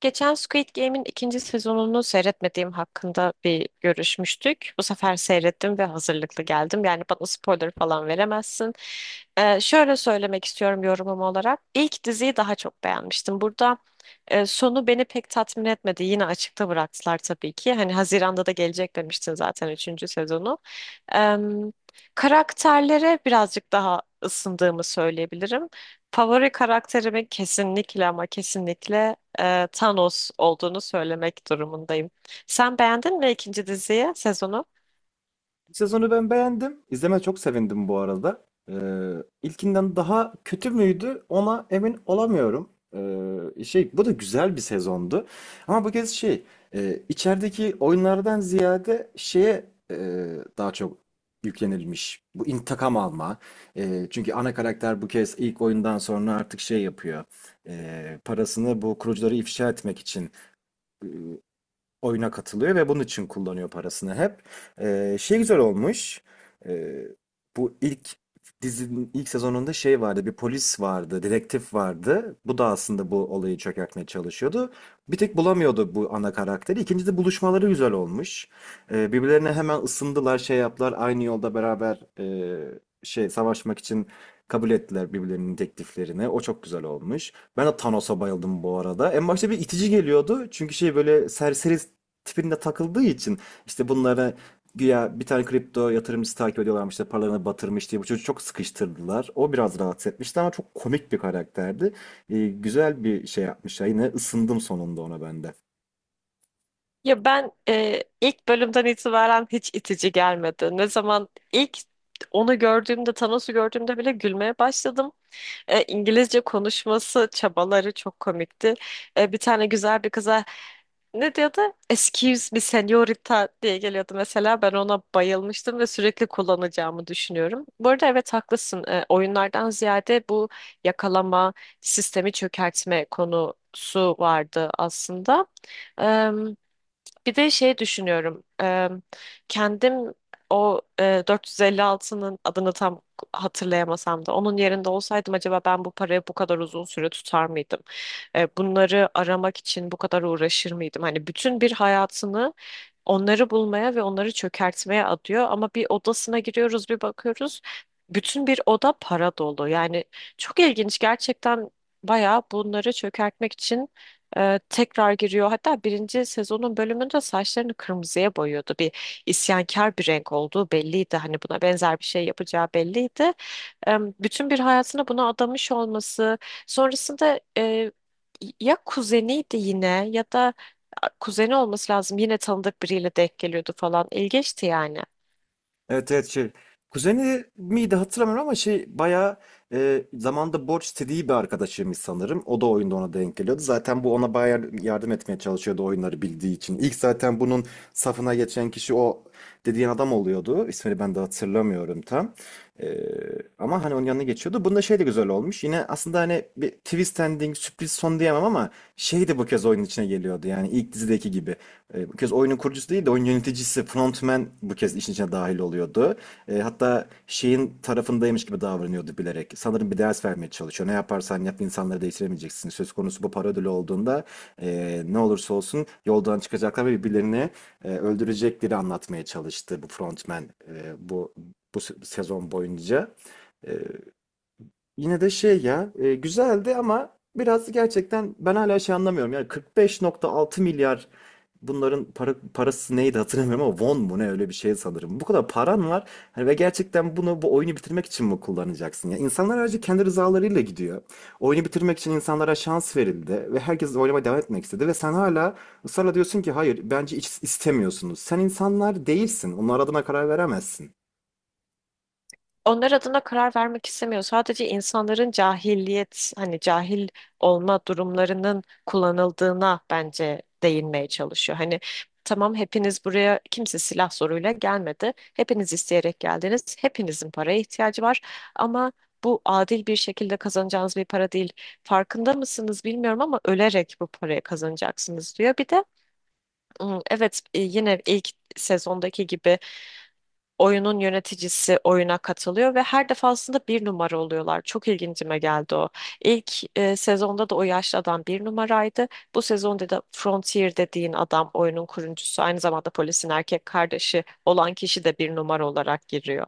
Geçen Squid Game'in ikinci sezonunu seyretmediğim hakkında bir görüşmüştük. Bu sefer seyrettim ve hazırlıklı geldim. Yani bana spoiler falan veremezsin. Şöyle söylemek istiyorum yorumum olarak. İlk diziyi daha çok beğenmiştim. Burada sonu beni pek tatmin etmedi. Yine açıkta bıraktılar tabii ki. Hani Haziran'da da gelecek demiştin zaten üçüncü sezonu. Ee, Karakterlere birazcık daha ısındığımı söyleyebilirim. Favori karakterimi kesinlikle ama kesinlikle Thanos olduğunu söylemek durumundayım. Sen beğendin mi ikinci diziyi, sezonu? Sezonu ben beğendim. İzleme çok sevindim bu arada. Ee, ilkinden daha kötü müydü ona emin olamıyorum. Bu da güzel bir sezondu. Ama bu kez içerideki oyunlardan ziyade e, daha çok yüklenilmiş. Bu intikam alma. Çünkü ana karakter bu kez ilk oyundan sonra artık şey yapıyor. Parasını bu kurucuları ifşa etmek için e, oyuna katılıyor ve bunun için kullanıyor parasını hep. Güzel olmuş. Ee, Bu ilk dizinin ilk sezonunda şey vardı, bir polis vardı, dedektif vardı. Bu da aslında bu olayı çökertmeye çalışıyordu. Bir tek bulamıyordu bu ana karakteri. İkincisi buluşmaları güzel olmuş. Birbirlerine hemen ısındılar, şey yaptılar. Aynı yolda beraber savaşmak için kabul ettiler birbirlerinin tekliflerini. O çok güzel olmuş. Ben de Thanos'a bayıldım bu arada. En başta bir itici geliyordu. Çünkü şey böyle serseri tipinde takıldığı için işte bunlara güya bir tane kripto yatırımcısı takip ediyorlarmış işte paralarını batırmış diye bu çocuğu çok sıkıştırdılar. O biraz rahatsız etmişti ama çok komik bir karakterdi. Güzel bir şey yapmış. Yine ısındım sonunda ona ben de. Ya ben ilk bölümden itibaren hiç itici gelmedi. Ne zaman ilk onu gördüğümde, Thanos'u gördüğümde bile gülmeye başladım. İngilizce konuşması, çabaları çok komikti. Bir tane güzel bir kıza ne diyordu? Excuse me señorita diye geliyordu mesela. Ben ona bayılmıştım ve sürekli kullanacağımı düşünüyorum. Bu arada evet haklısın. Oyunlardan ziyade bu yakalama, sistemi çökertme konusu vardı aslında. Eee, Bir de şey düşünüyorum. Kendim o 456'nın adını tam hatırlayamasam da onun yerinde olsaydım acaba ben bu parayı bu kadar uzun süre tutar mıydım? Bunları aramak için bu kadar uğraşır mıydım? Hani bütün bir hayatını onları bulmaya ve onları çökertmeye adıyor. Ama bir odasına giriyoruz, bir bakıyoruz. Bütün bir oda para dolu. Yani çok ilginç gerçekten, bayağı bunları çökertmek için tekrar giriyor. Hatta birinci sezonun bölümünde saçlarını kırmızıya boyuyordu. Bir isyankar bir renk olduğu belliydi. Hani buna benzer bir şey yapacağı belliydi, bütün bir hayatını buna adamış olması, sonrasında ya kuzeniydi yine ya da kuzeni olması lazım, yine tanıdık biriyle denk geliyordu falan, ilginçti yani. Evet, evet, şey. Kuzeni miydi hatırlamıyorum ama şey bayağı zamanda borç istediği bir arkadaşıymış sanırım. O da oyunda ona denk geliyordu. Zaten bu ona bayağı yardım etmeye çalışıyordu oyunları bildiği için. İlk zaten bunun safına geçen kişi o dediğin adam oluyordu. İsmini ben de hatırlamıyorum tam. E, Ama hani onun yanına geçiyordu. Bunda şey de güzel olmuş. Yine aslında hani bir twist ending sürpriz son diyemem ama şey de bu kez oyunun içine geliyordu. Yani ilk dizideki gibi. Bu kez oyunun kurucusu değil de oyun yöneticisi, frontman bu kez işin içine dahil oluyordu. Hatta şeyin tarafındaymış gibi davranıyordu bilerek. Sanırım bir ders vermeye çalışıyor. Ne yaparsan yap insanları değiştiremeyeceksin. Söz konusu bu para ödülü olduğunda ne olursa olsun yoldan çıkacaklar ve birbirlerini öldürecekleri anlatmaya çalıştı bu frontman sezon boyunca. E, Yine de şey ya, güzeldi ama biraz gerçekten ben hala şey anlamıyorum. Yani 45.6 milyar bunların parası neydi hatırlamıyorum ama won mu ne öyle bir şey sanırım. Bu kadar paran var hani ve gerçekten bunu bu oyunu bitirmek için mi kullanacaksın? Ya insanlar ayrıca kendi rızalarıyla gidiyor. Oyunu bitirmek için insanlara şans verildi ve herkes oynamaya devam etmek istedi ve sen hala ısrarla diyorsun ki hayır bence hiç istemiyorsunuz. Sen insanlar değilsin. Onlar adına karar veremezsin. Onlar adına karar vermek istemiyor. Sadece insanların cahilliyet, hani cahil olma durumlarının kullanıldığına bence değinmeye çalışıyor. Hani tamam, hepiniz buraya kimse silah zoruyla gelmedi. Hepiniz isteyerek geldiniz. Hepinizin paraya ihtiyacı var. Ama bu adil bir şekilde kazanacağınız bir para değil. Farkında mısınız bilmiyorum ama ölerek bu parayı kazanacaksınız diyor. Bir de evet, yine ilk sezondaki gibi oyunun yöneticisi oyuna katılıyor ve her defasında bir numara oluyorlar. Çok ilgincime geldi o. İlk sezonda da o yaşlı adam bir numaraydı. Bu sezonda da Frontier dediğin adam, oyunun kurucusu, aynı zamanda polisin erkek kardeşi olan kişi de bir numara olarak giriyor.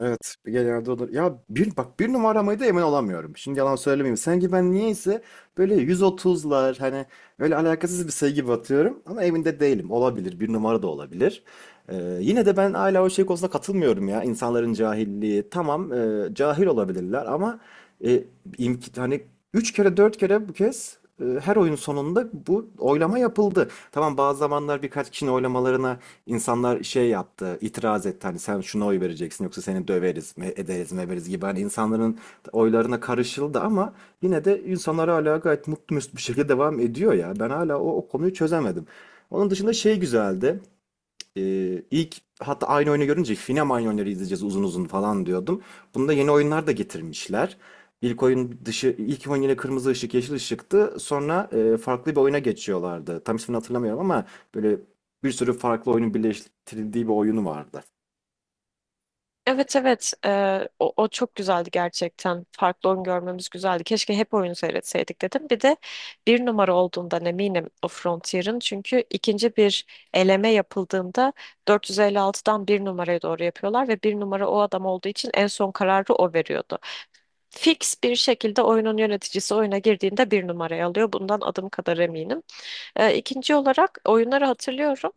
Evet, genelde olur. Ya bir bak bir numaramayı da emin olamıyorum. Şimdi yalan söylemeyeyim. Sanki ben niyeyse böyle 130'lar hani böyle alakasız bir sayı gibi atıyorum ama emin de değilim. Olabilir. Bir numara da olabilir. Yine de ben hala o şey konusunda katılmıyorum ya. İnsanların cahilliği. Tamam, cahil olabilirler ama e, hani 3 kere 4 kere bu kez her oyun sonunda bu oylama yapıldı. Tamam, bazı zamanlar birkaç kişinin oylamalarına insanlar şey yaptı, itiraz etti. Hani sen şuna oy vereceksin yoksa seni döveriz, ederiz, meveriz gibi. Hani insanların oylarına karışıldı ama yine de insanlar hala gayet mutlu mesut bir şekilde devam ediyor ya. Ben hala o konuyu çözemedim. Onun dışında şey güzeldi. İlk hatta aynı oyunu görünce Finem aynı oyunları izleyeceğiz uzun uzun falan diyordum. Bunda yeni oyunlar da getirmişler. İlk oyun dışı ilk oyun yine kırmızı ışık yeşil ışıktı. Sonra farklı bir oyuna geçiyorlardı. Tam ismini hatırlamıyorum ama böyle bir sürü farklı oyunun birleştirildiği bir oyunu vardı. Evet, evet. O çok güzeldi gerçekten. Farklı oyun görmemiz güzeldi. Keşke hep oyun seyretseydik dedim. Bir de bir numara olduğundan eminim o Frontier'ın. Çünkü ikinci bir eleme yapıldığında 456'dan bir numaraya doğru yapıyorlar ve bir numara o adam olduğu için en son kararı o veriyordu. Fix bir şekilde oyunun yöneticisi oyuna girdiğinde bir numarayı alıyor. Bundan adım kadar eminim. İkinci olarak oyunları hatırlıyorum.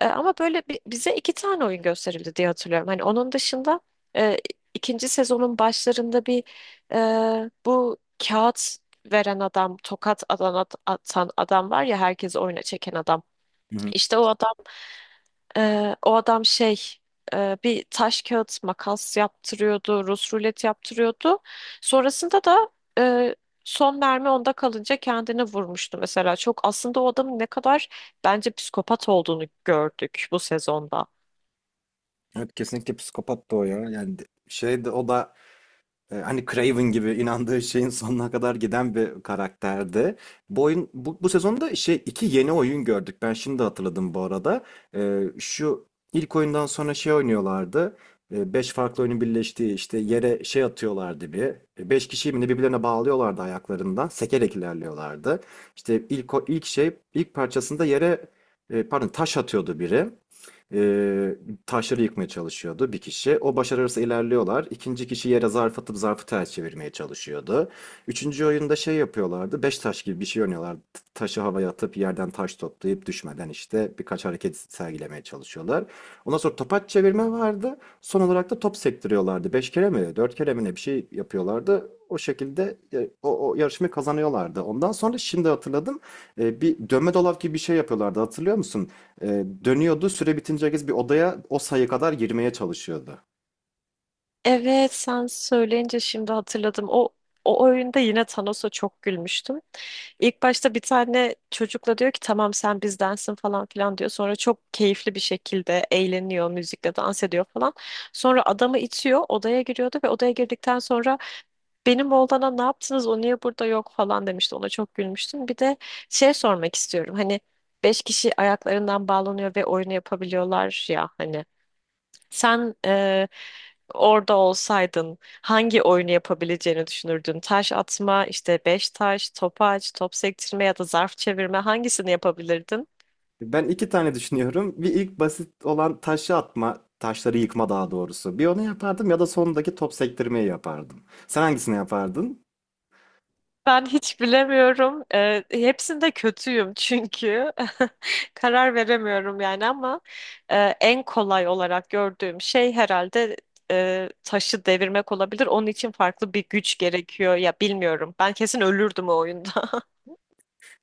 Ama böyle bize iki tane oyun gösterildi diye hatırlıyorum. Hani onun dışında e, ikinci sezonun başlarında bu kağıt veren adam, tokat atan adam var ya, herkes oyuna çeken adam. Hı hı. İşte o adam şey, bir taş kağıt makas yaptırıyordu, Rus rulet yaptırıyordu. Sonrasında da e, son mermi onda kalınca kendini vurmuştu mesela. Çok aslında o adamın ne kadar bence psikopat olduğunu gördük bu sezonda. Evet, kesinlikle psikopat da o ya. Yani de- şey de o da E, Hani Craven gibi inandığı şeyin sonuna kadar giden bir karakterdi. Bu oyun bu sezonda şey iki yeni oyun gördük. Ben şimdi hatırladım bu arada. Şu ilk oyundan sonra şey oynuyorlardı. Beş farklı oyunun birleştiği işte yere şey atıyorlardı bir. Beş kişiyi mi ne birbirlerine bağlıyorlardı ayaklarından. Sekerek ilerliyorlardı. İşte ilk o- ilk şey ilk parçasında yere pardon taş atıyordu biri. Ee, Taşları yıkmaya çalışıyordu bir kişi. O başarırsa ilerliyorlar. İkinci kişi yere zarf atıp zarfı ters çevirmeye çalışıyordu. Üçüncü oyunda şey yapıyorlardı. Beş taş gibi bir şey oynuyorlardı. Taşı havaya atıp yerden taş toplayıp düşmeden işte birkaç hareket sergilemeye çalışıyorlar. Ondan sonra topaç çevirme vardı. Son olarak da top sektiriyorlardı. Beş kere mi, dört kere mi ne bir şey yapıyorlardı. O şekilde o yarışmayı kazanıyorlardı. Ondan sonra şimdi hatırladım. Bir dönme dolap gibi bir şey yapıyorlardı. Hatırlıyor musun? Dönüyordu. Süre bitince herkes bir odaya o sayı kadar girmeye çalışıyordu. Evet, sen söyleyince şimdi hatırladım. O oyunda yine Thanos'a çok gülmüştüm. İlk başta bir tane çocukla diyor ki tamam, sen bizdensin falan filan diyor. Sonra çok keyifli bir şekilde eğleniyor, müzikle dans ediyor falan. Sonra adamı itiyor, odaya giriyordu ve odaya girdikten sonra benim oğlana ne yaptınız, o niye burada yok falan demişti. Ona çok gülmüştüm. Bir de şey sormak istiyorum. Hani beş kişi ayaklarından bağlanıyor ve oyunu yapabiliyorlar ya hani. Sen orada olsaydın hangi oyunu yapabileceğini düşünürdün? Taş atma, işte beş taş, topaç, top sektirme ya da zarf çevirme, hangisini yapabilirdin? Ben iki tane düşünüyorum. Bir ilk basit olan taşları yıkma daha doğrusu. Bir onu yapardım ya da sondaki top sektirmeyi yapardım. Sen hangisini yapardın? Ben hiç bilemiyorum. Hepsinde kötüyüm çünkü. Karar veremiyorum yani ama en kolay olarak gördüğüm şey herhalde taşı devirmek olabilir. Onun için farklı bir güç gerekiyor. Ya bilmiyorum. Ben kesin ölürdüm o oyunda.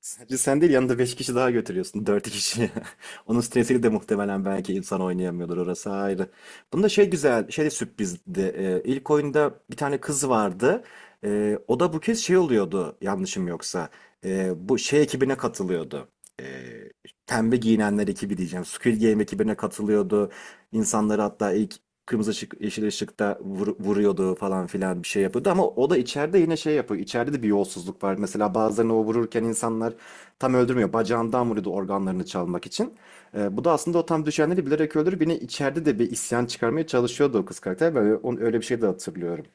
Sadece sen değil yanında beş kişi daha götürüyorsun. Dört kişi. Onun stresiyle de muhtemelen belki insan oynayamıyordur orası ayrı. Bunda şey güzel, şey de sürprizdi. İlk oyunda bir tane kız vardı. O da bu kez şey oluyordu yanlışım yoksa. Bu şey ekibine katılıyordu. Ee, Pembe giyinenler ekibi diyeceğim. Squid Game ekibine katılıyordu. İnsanları hatta ilk kırmızı ışık, yeşil ışıkta vuruyordu falan filan bir şey yapıyordu. Ama o da içeride yine şey yapıyor. İçeride de bir yolsuzluk var. Mesela bazılarını o vururken insanlar tam öldürmüyor. Bacağından vuruyordu organlarını çalmak için. Bu da aslında o tam düşenleri bilerek öldürüp yine içeride de bir isyan çıkarmaya çalışıyordu o kız karakter. Ben öyle bir şey de hatırlıyorum.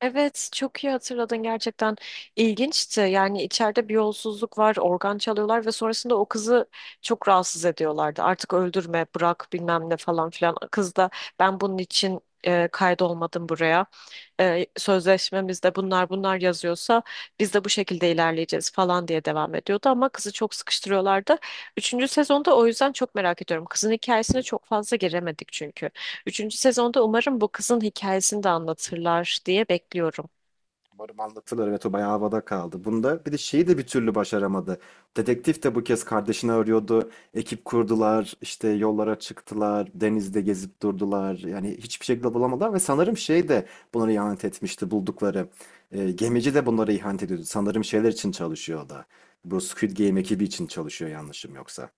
Evet, çok iyi hatırladın gerçekten. İlginçti. Yani içeride bir yolsuzluk var, organ çalıyorlar ve sonrasında o kızı çok rahatsız ediyorlardı. Artık öldürme, bırak bilmem ne falan filan. Kız da ben bunun için kaydolmadım buraya, sözleşmemizde bunlar bunlar yazıyorsa biz de bu şekilde ilerleyeceğiz falan diye devam ediyordu ama kızı çok sıkıştırıyorlardı. Üçüncü sezonda o yüzden çok merak ediyorum. Kızın hikayesine çok fazla giremedik çünkü. Üçüncü sezonda umarım bu kızın hikayesini de anlatırlar diye bekliyorum. Umarım anlatılır. Evet, o bayağı havada kaldı. Bunda bir de şeyi de bir türlü başaramadı. Dedektif de bu kez kardeşini arıyordu. Ekip kurdular, işte yollara çıktılar, denizde gezip durdular. Yani hiçbir şekilde bulamadılar ve sanırım şey de bunları ihanet etmişti buldukları. Gemici de bunlara ihanet ediyordu. Sanırım şeyler için çalışıyor o da. Bu Squid Game ekibi için çalışıyor yanlışım yoksa.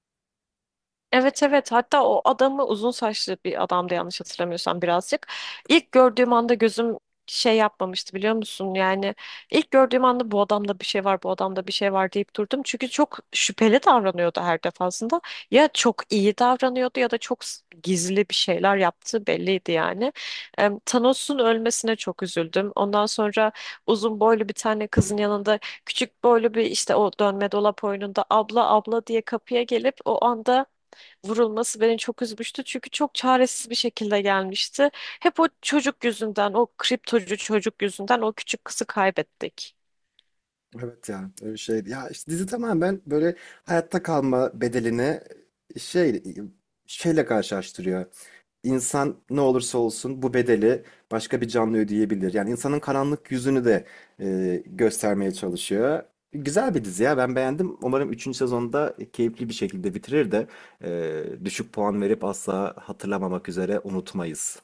Evet, evet, hatta o adamı uzun saçlı bir adamdı yanlış hatırlamıyorsam, birazcık. İlk gördüğüm anda gözüm şey yapmamıştı biliyor musun? Yani ilk gördüğüm anda bu adamda bir şey var, bu adamda bir şey var deyip durdum. Çünkü çok şüpheli davranıyordu her defasında. Ya çok iyi davranıyordu ya da çok gizli bir şeyler yaptığı belliydi yani. Thanos'un ölmesine çok üzüldüm. Ondan sonra uzun boylu bir tane kızın yanında küçük boylu bir, işte o dönme dolap oyununda abla abla diye kapıya gelip o anda vurulması beni çok üzmüştü. Çünkü çok çaresiz bir şekilde gelmişti. Hep o çocuk yüzünden, o kriptocu çocuk yüzünden o küçük kızı kaybettik. Evet ya öyle şey. Ya işte dizi tamamen böyle hayatta kalma bedelini şey şeyle karşılaştırıyor. İnsan ne olursa olsun bu bedeli başka bir canlı ödeyebilir. Yani insanın karanlık yüzünü de göstermeye çalışıyor. Güzel bir dizi ya, ben beğendim. Umarım 3. sezonda keyifli bir şekilde bitirir de düşük puan verip asla hatırlamamak üzere unutmayız.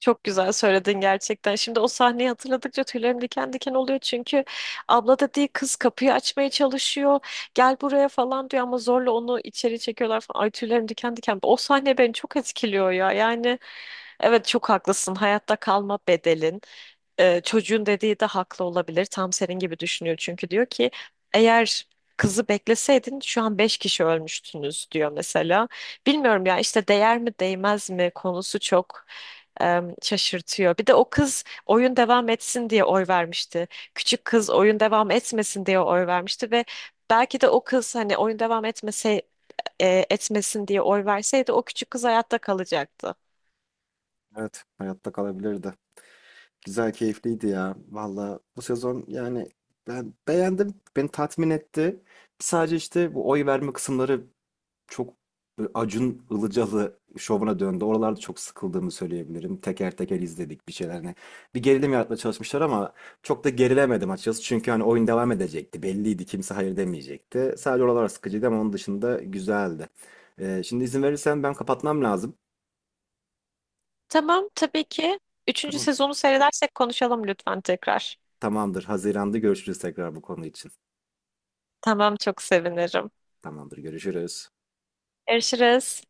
Çok güzel söyledin gerçekten. Şimdi o sahneyi hatırladıkça tüylerim diken diken oluyor. Çünkü abla dediği kız kapıyı açmaya çalışıyor. Gel buraya falan diyor ama zorla onu içeri çekiyorlar falan. Ay, tüylerim diken diken. O sahne beni çok etkiliyor ya. Yani evet, çok haklısın. Hayatta kalma bedelin. Çocuğun dediği de haklı olabilir. Tam senin gibi düşünüyor çünkü, diyor ki eğer kızı bekleseydin şu an beş kişi ölmüştünüz diyor mesela. Bilmiyorum ya, işte değer mi değmez mi konusu çok şaşırtıyor. Bir de o kız oyun devam etsin diye oy vermişti. Küçük kız oyun devam etmesin diye oy vermişti ve belki de o kız hani oyun etmesin diye oy verseydi o küçük kız hayatta kalacaktı. Evet, hayatta kalabilirdi. Güzel, keyifliydi ya. Valla bu sezon yani ben beğendim. Beni tatmin etti. Sadece işte bu oy verme kısımları çok böyle Acun Ilıcalı şovuna döndü. Oralarda çok sıkıldığımı söyleyebilirim. Teker teker izledik bir şeyler. Hani bir gerilim yaratmaya çalışmışlar ama çok da gerilemedim açıkçası. Çünkü hani oyun devam edecekti. Belliydi. Kimse hayır demeyecekti. Sadece oralar sıkıcıydı ama onun dışında güzeldi. Şimdi izin verirsen ben kapatmam lazım. Tamam, tabii ki. Üçüncü Tamam. sezonu seyredersek konuşalım lütfen tekrar. Tamamdır. Haziran'da görüşürüz tekrar bu konu için. Tamam, çok sevinirim. Tamamdır. Görüşürüz. Görüşürüz.